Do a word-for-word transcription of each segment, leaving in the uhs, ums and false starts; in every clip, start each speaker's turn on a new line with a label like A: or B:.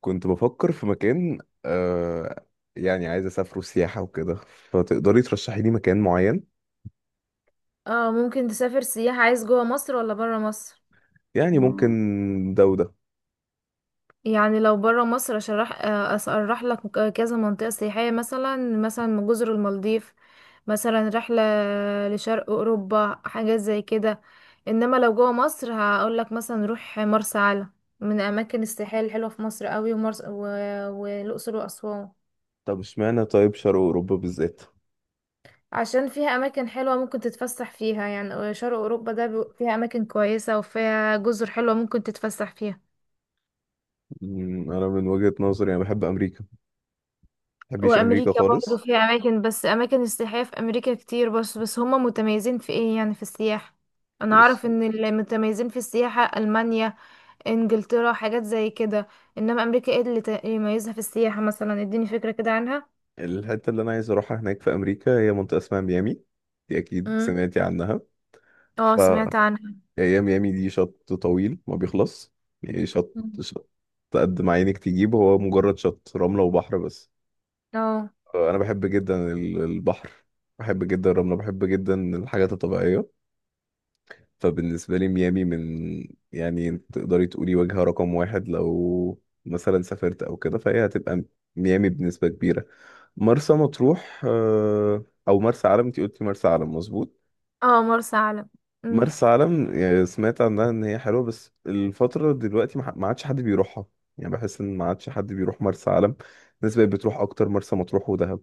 A: كنت بفكر في مكان. آه يعني عايز اسافره سياحة وكده. فتقدري ترشحي لي مكان معين؟
B: اه، ممكن تسافر سياحة. عايز جوه مصر ولا برا مصر؟
A: يعني ممكن، ده وده.
B: يعني لو برا مصر اشرح آه، اشرح لك كذا منطقة سياحية، مثلا مثلا جزر المالديف، مثلا رحلة لشرق اوروبا، حاجات زي كده. انما لو جوه مصر هقول لك مثلا روح مرسى علم، من اماكن السياحية الحلوة في مصر قوي. ومرس و... والاقصر واسوان،
A: طب اشمعنى؟ طيب شرق اوروبا بالذات؟
B: عشان فيها اماكن حلوه ممكن تتفسح فيها. يعني شرق اوروبا ده بي- فيها اماكن كويسه، وفيها جزر حلوه ممكن تتفسح فيها.
A: مم، انا من وجهة نظري انا بحب امريكا، ما بحبش امريكا
B: وامريكا برضو
A: خالص.
B: فيها اماكن، بس اماكن السياحية في امريكا كتير. بس بس هما متميزين في ايه يعني في السياحة؟ انا
A: بص،
B: اعرف ان اللي متميزين في السياحة المانيا، انجلترا، حاجات زي كده. انما امريكا ايه اللي ت- يميزها في السياحة؟ مثلا اديني فكرة كده عنها.
A: الحتة اللي انا عايز اروحها هناك في امريكا هي منطقة اسمها ميامي، دي اكيد
B: مم.
A: سمعتي عنها.
B: اه،
A: ف
B: سمعت عنها.
A: هي ميامي دي شط طويل ما بيخلص، يعني شط
B: مم.
A: شط، قد ما عينك تجيب، هو مجرد شط رملة وبحر بس.
B: اه.
A: انا بحب جدا ال- البحر، بحب جدا الرمله، بحب جدا الحاجات الطبيعيه. فبالنسبه لي ميامي من، يعني تقدري تقولي وجهه رقم واحد. لو مثلا سافرت او كده فهي هتبقى ميامي بنسبه كبيره. مرسى مطروح، آه، او مرسى علم. انت قلتي مرسى علم، مظبوط.
B: اه، مرسى علم. امم.
A: مرسى علم، يعني سمعت عنها ان هي حلوه، بس الفتره دلوقتي ما ما عادش حد بيروحها. يعني بحس ان ما عادش حد بيروح مرسى علم، الناس بقت بتروح اكتر مرسى مطروح ودهب.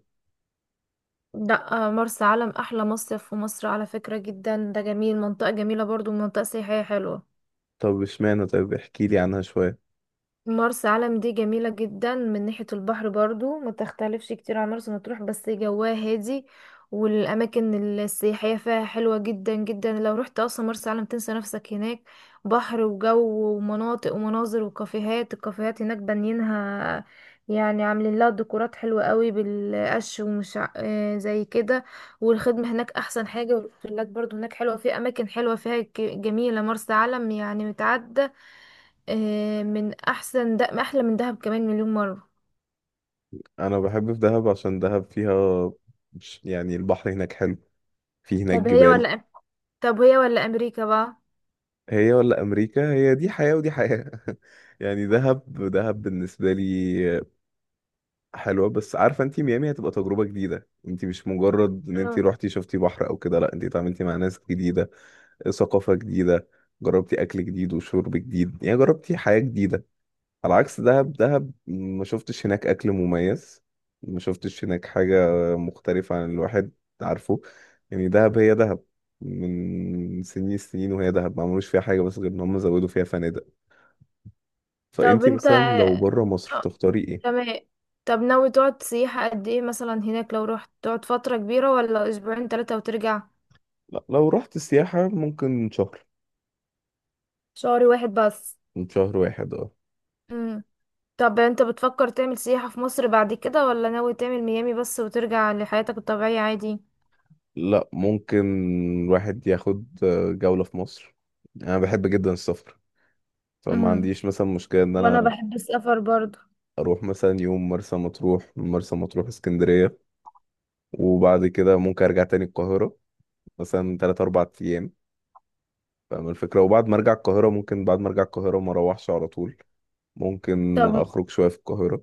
B: لا آه، مرسى علم احلى مصيف في مصر على فكرة، جدا ده جميل. منطقة جميلة، برضو منطقة سياحية حلوة.
A: طب اشمعنى؟ طيب احكي لي عنها شويه.
B: مرسى علم دي جميلة جدا من ناحية البحر، برضو ما تختلفش كتير عن مرسى مطروح، بس جواها هادي. والأماكن السياحية فيها حلوة جدا جدا. لو رحت أصلا مرسى علم تنسى نفسك هناك. بحر وجو ومناطق ومناظر وكافيهات. الكافيهات هناك بانيينها يعني عاملين لها ديكورات حلوة قوي بالقش، ومش ع- آه زي كده. والخدمة هناك أحسن حاجة، والأوتيلات برضو هناك حلوة في أماكن حلوة فيها، ك- جميلة. مرسى علم يعني متعدة آه، من احسن، ده احلى من دهب كمان مليون مرة.
A: انا بحب في دهب عشان دهب فيها مش- يعني البحر هناك حلو، في هناك
B: طب هي
A: جبال.
B: ولا أم- طب هي ولا امريكا بقى؟
A: هي ولا امريكا؟ هي دي حياة ودي حياة. يعني دهب دهب بالنسبة لي حلوة، بس عارفة انتي ميامي هتبقى تجربة جديدة، انتي مش مجرد ان انتي
B: اه.
A: روحتي شفتي بحر او كده، لا، انتي اتعاملتي مع ناس جديدة، ثقافة جديدة، جربتي اكل جديد وشرب جديد، يعني جربتي حياة جديدة. على عكس دهب، دهب ما شفتش هناك اكل مميز، ما شفتش هناك حاجة مختلفة عن الواحد، عارفه. يعني دهب هي دهب من سنين السنين، وهي دهب ما عملوش فيها حاجة بس غير ان هم زودوا فيها فنادق.
B: طب
A: فانتي
B: انت
A: مثلا لو
B: آه،
A: بره مصر تختاري ايه؟
B: تمام. طب ناوي تقعد سياحة قد ايه مثلا هناك؟ لو رحت تقعد فترة كبيرة ولا اسبوعين تلاتة وترجع؟
A: لا، لو رحت سياحة ممكن شهر،
B: شهر واحد بس؟
A: من شهر واحد اه.
B: مم. طب انت بتفكر تعمل سياحة في مصر بعد كده، ولا ناوي تعمل ميامي بس وترجع لحياتك الطبيعية عادي؟
A: لا، ممكن الواحد ياخد جولة في مصر. انا بحب جدا السفر، فما
B: مم.
A: عنديش مثلا مشكلة ان
B: وانا
A: انا
B: بحب السفر برضو.
A: اروح مثلا يوم مرسى مطروح، من مرسى مطروح اسكندريه، وبعد كده ممكن ارجع تاني القاهره، مثلا ثلاثة أربعة ايام. فاهم الفكره؟ وبعد ما ارجع القاهره ممكن، بعد ما ارجع القاهره ما اروحش على طول، ممكن
B: طب،
A: اخرج شويه في القاهره.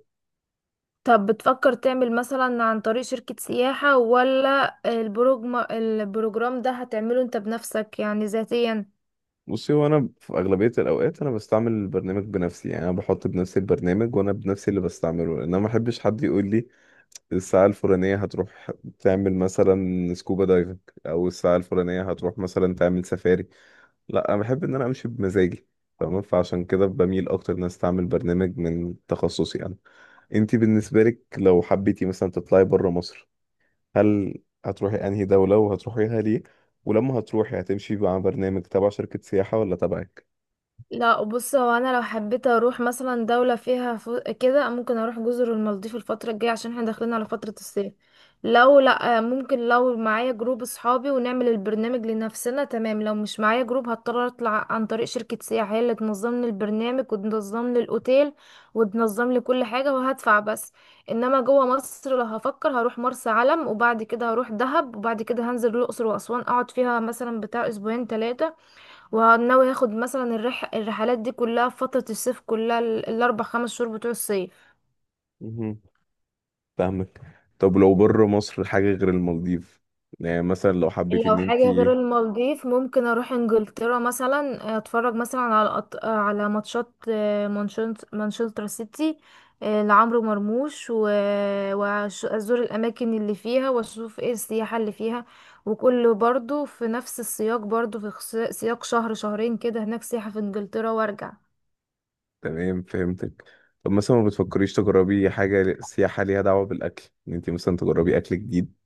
B: طب بتفكر تعمل مثلا عن طريق شركة سياحة، ولا البروجرام، البروجرام ده هتعمله انت بنفسك يعني ذاتيا؟
A: بصي، هو انا في اغلبيه الاوقات انا بستعمل البرنامج بنفسي، يعني انا بحط بنفسي البرنامج وانا بنفسي اللي بستعمله، لان انا ما احبش حد يقول لي الساعه الفلانيه هتروح تعمل مثلا سكوبا دايفنج، او الساعه الفلانيه هتروح مثلا تعمل سفاري. لا، انا بحب ان انا امشي بمزاجي. تمام، فعشان كده بميل اكتر ان أنا استعمل برنامج من تخصصي انا. انتي بالنسبه لك لو حبيتي مثلا تطلعي بره مصر، هل هتروحي انهي دوله وهتروحيها ليه؟ ولما هتروحي هتمشي مع برنامج تبع شركه سياحه ولا تبعك؟
B: لا، بص هو انا لو حبيت اروح مثلا دولة فيها فو... كده، ممكن اروح جزر المالديف الفترة الجاية عشان احنا داخلين على فترة الصيف. لو لا ممكن لو معايا جروب اصحابي ونعمل البرنامج لنفسنا، تمام. لو مش معايا جروب هضطر اطلع عن طريق شركة سياحة هي اللي تنظم لي البرنامج وتنظم لي الاوتيل وتنظم لي كل حاجة وهدفع بس. انما جوه مصر لو هفكر هروح مرسى علم، وبعد كده هروح دهب، وبعد كده هنزل الاقصر واسوان اقعد فيها مثلا بتاع اسبوعين ثلاثة. وناوي هاخد مثلا الرح... الرحلات دي كلها في فترة الصيف، كلها ال- الأربع خمس شهور بتوع الصيف.
A: مهم. فاهمك. طب لو بره مصر حاجه غير المالديف، يعني مثلا لو حبيتي
B: لو
A: ان
B: حاجة غير
A: انتي.
B: المالديف، ممكن أروح إنجلترا مثلا، أتفرج مثلا على أط... على ماتشات آه، مانشنت- مانشستر سيتي آه، لعمرو مرموش و... وأزور الأماكن اللي فيها وأشوف إيه السياحة اللي فيها. وكله برضو في نفس السياق، برضو في خس- سياق شهر شهرين كده هناك سياحة في إنجلترا، وأرجع.
A: تمام، فهمتك. طب مثلا ما بتفكريش تجربي حاجه سياحه ليها دعوه بالاكل، ان انتي مثلا تجربي اكل جديد؟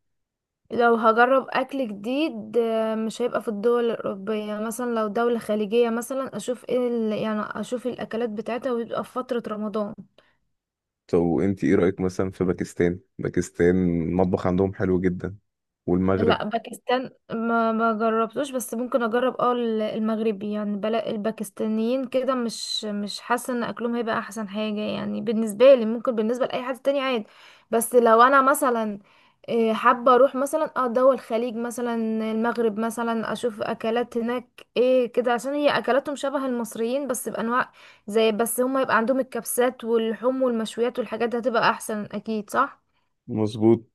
B: لو هجرب اكل جديد آه، مش هيبقى في الدول الاوروبيه. مثلا لو دوله خليجيه مثلا اشوف ايه ال... يعني اشوف الاكلات بتاعتها، ويبقى في فتره رمضان.
A: طب وانت ايه رأيك مثلا في باكستان؟ باكستان المطبخ عندهم حلو جدا، والمغرب.
B: لا، باكستان ما ما جربتوش، بس ممكن اجرب اه ال- المغربي يعني. بلا الباكستانيين كده، مش مش حاسه ان اكلهم هيبقى احسن حاجه يعني بالنسبه لي. ممكن بالنسبه لاي حد تاني عادي. بس لو انا مثلا إيه، حابه اروح مثلا اه دول الخليج مثلا، المغرب مثلا، اشوف اكلات هناك ايه كده. عشان هي اكلاتهم شبه المصريين بس بانواع زي، بس هم يبقى عندهم الكبسات واللحوم والمشويات والحاجات دي، هتبقى احسن اكيد صح.
A: مظبوط،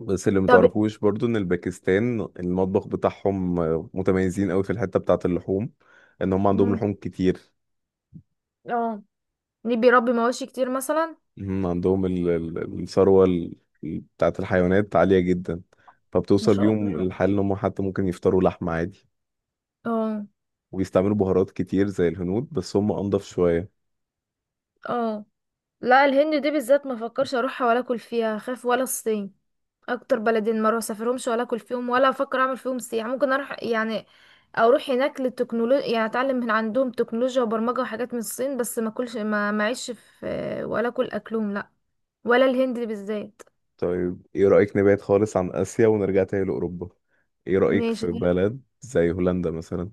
A: بس اللي
B: طب.
A: متعرفوش برضو ان الباكستان المطبخ بتاعهم آه، متميزين قوي في الحتة بتاعة اللحوم، ان هم عندهم
B: مم.
A: لحوم كتير.
B: اه. ليه بيربي مواشي كتير مثلا؟
A: هم عندهم ال- ال- الثروة ال- بتاعة الحيوانات عالية جدا،
B: ان
A: فبتوصل
B: شاء
A: بيهم
B: الله.
A: الحال ان هم حتى ممكن يفطروا لحمة عادي،
B: اه.
A: ويستعملوا بهارات كتير زي الهنود بس هم انضف شوية.
B: اه. لا الهند دي بالذات ما فكرش اروحها ولا اكل فيها خاف، ولا الصين. اكتر بلدين ما اروح اسافرهمش ولا اكل فيهم ولا افكر اعمل فيهم سياحه. ممكن اروح يعني اروح هناك للتكنولوجيا يعني اتعلم من عندهم تكنولوجيا وبرمجه وحاجات من الصين، بس ما اكلش ما معيش في، ولا اكل اكلهم لا. ولا الهند بالذات.
A: طيب ايه رأيك نبعد خالص عن آسيا ونرجع تاني لأوروبا؟ ايه رأيك
B: ماشي.
A: في بلد زي هولندا مثلا؟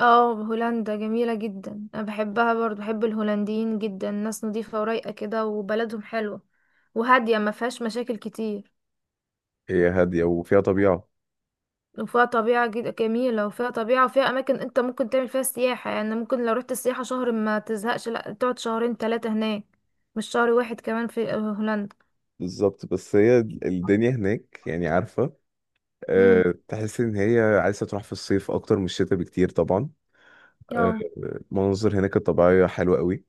B: اه هولندا جميلة جدا، انا بحبها برضو، بحب الهولنديين جدا، ناس نظيفة ورايقة كده وبلدهم حلوة وهادية، ما فيهاش مشاكل كتير.
A: هي هادية وفيها طبيعة.
B: وفيها طبيعة جد- جميلة، وفيها طبيعة وفيها أماكن أنت ممكن تعمل فيها سياحة. يعني ممكن لو رحت السياحة شهر ما تزهقش، لأ تقعد شهرين تلاتة هناك، مش شهر واحد كمان في هولندا.
A: بالظبط، بس هي الدنيا هناك يعني عارفة،
B: امم.
A: أه تحس إن هي عايزة تروح في الصيف أكتر من الشتاء بكتير طبعا. أه.
B: اه.
A: المناظر هناك الطبيعية حلوة قوي،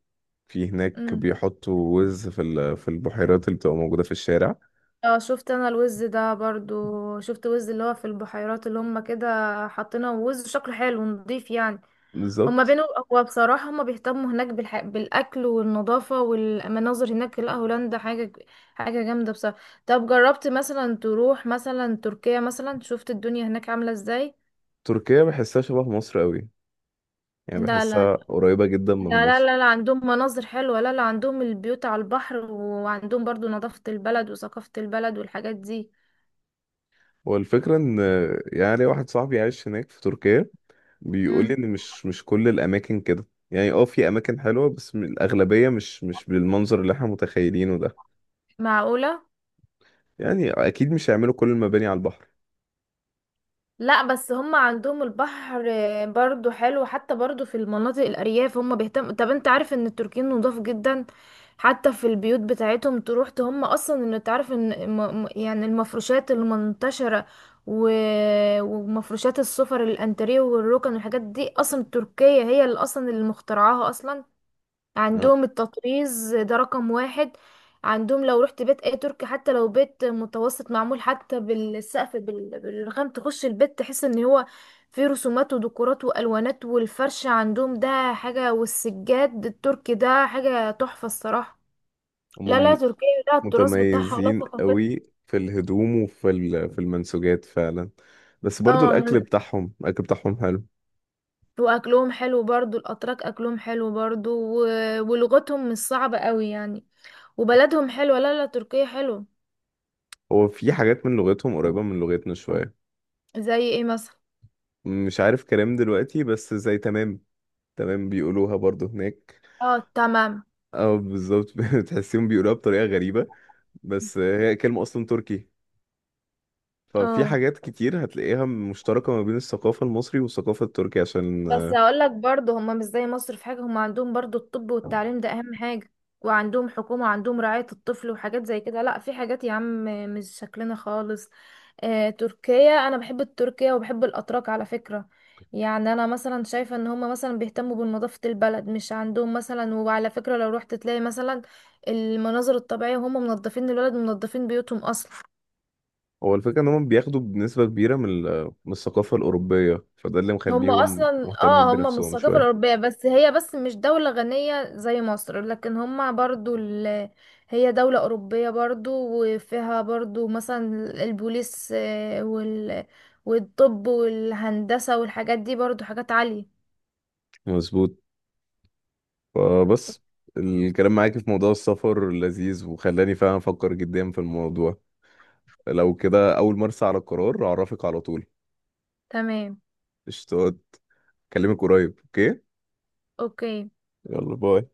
A: في هناك
B: امم.
A: بيحطوا وز في ال- في البحيرات اللي بتبقى موجودة في الشارع.
B: اه، شفت أنا الوز ده برضو، شفت وز اللي هو في البحيرات اللي هما كده حاطينه. وز شكله حلو ونضيف يعني. هما
A: بالظبط.
B: بينه. هو بصراحة هما بيهتموا هناك بالح... بالأكل والنظافة والمناظر. هناك لا، هولندا حاجة، حاجة جامدة بصراحة. طب جربت مثلا تروح مثلا تركيا مثلا؟ شفت الدنيا هناك عاملة ازاي؟
A: تركيا بحسها شبه مصر قوي، يعني
B: لا لا.
A: بحسها قريبة جدا من
B: لا لا
A: مصر.
B: لا, لا عندهم مناظر حلوة. لا لا، عندهم البيوت على البحر، وعندهم برضو نظافة البلد وثقافة البلد والحاجات دي.
A: والفكرة ان، يعني واحد صاحبي عايش هناك في تركيا بيقول لي
B: مم.
A: ان مش مش كل الاماكن كده، يعني اه في اماكن حلوة، بس م- الاغلبية مش مش بالمنظر اللي احنا متخيلينه ده،
B: معقولة.
A: يعني اكيد مش هيعملوا كل المباني على البحر.
B: لا، بس هم عندهم البحر برضو حلو. حتى برضو في المناطق الأرياف هم بيهتموا. طب انت عارف ان التركيين نضاف جدا؟ حتى في البيوت بتاعتهم تروح ت- هم اصلا، ان تعرف ان م- م- يعني المفروشات المنتشرة و... ومفروشات السفر، الانتريه والركن والحاجات دي، اصلا تركيا هي اللي اصلا اللي مخترعاها اصلا.
A: آه.
B: عندهم التطريز ده رقم واحد. عندهم لو رحت بيت اي تركي، حتى لو بيت متوسط، معمول حتى بالسقف بال- بالرخام. تخش البيت تحس ان هو فيه رسومات وديكورات والوانات، والفرش عندهم ده حاجة، والسجاد التركي ده حاجة تحفة الصراحة. لا
A: هم
B: لا،
A: م-
B: تركيا لا التراث بتاعها ولا
A: متميزين
B: ثقافتها.
A: قوي في الهدوم وفي ال- في المنسوجات فعلا، بس برضو
B: اه
A: الاكل
B: من-
A: بتاعهم، الاكل بتاعهم حلو.
B: واكلهم حلو برضو، الاتراك اكلهم حلو برضو. و- ولغتهم مش صعبة قوي يعني، وبلدهم حلوة. لا لا، تركيا حلوة.
A: هو في حاجات من لغتهم قريبة من لغتنا شوية.
B: زي ايه مثلا؟
A: مش عارف كلام دلوقتي، بس زي تمام. تمام بيقولوها برضو هناك.
B: اه تمام.
A: اه، بالظبط. بتحسيهم بيقولوها بطريقة غريبة، بس هي كلمة أصلا تركي. ففي
B: اه.
A: حاجات كتير هتلاقيها مشتركة ما بين الثقافة المصري والثقافة التركية، عشان
B: بس هقول لك برضه هم مش زي مصر في حاجة. هم عندهم برضه الطب والتعليم ده أهم حاجة، وعندهم حكومة وعندهم رعاية الطفل وحاجات زي كده. لا في حاجات يا عم مش شكلنا خالص. آه تركيا، أنا بحب تركيا وبحب الأتراك على فكرة. يعني أنا مثلا شايفة إن هم مثلا بيهتموا بنظافة البلد، مش عندهم مثلا. وعلى فكرة لو رحت تلاقي مثلا المناظر الطبيعية هم منظفين البلد ومنظفين بيوتهم أصلا.
A: هو الفكرة إن هم بياخدوا بنسبة كبيرة من ال- من الثقافة الأوروبية، فده اللي
B: هم
A: مخليهم
B: اصلا
A: مهتمين
B: اه، هم من
A: بنفسهم
B: الثقافة
A: شوية.
B: الأوروبية. بس هي بس مش دولة غنية زي مصر، لكن هم برضو ال... هي دولة أوروبية برضو، وفيها برضو مثلا البوليس آه، وال... والطب والهندسة والحاجات دي برضو حاجات عالية.
A: مظبوط. فبس الكلام معاك في موضوع السفر لذيذ، وخلاني فعلا أفكر جدا في الموضوع. لو كده أول ما أرسى على القرار أعرفك على طول.
B: تمام.
A: قشطات. أكلمك قريب، أوكي؟
B: اوكي.
A: يلا باي.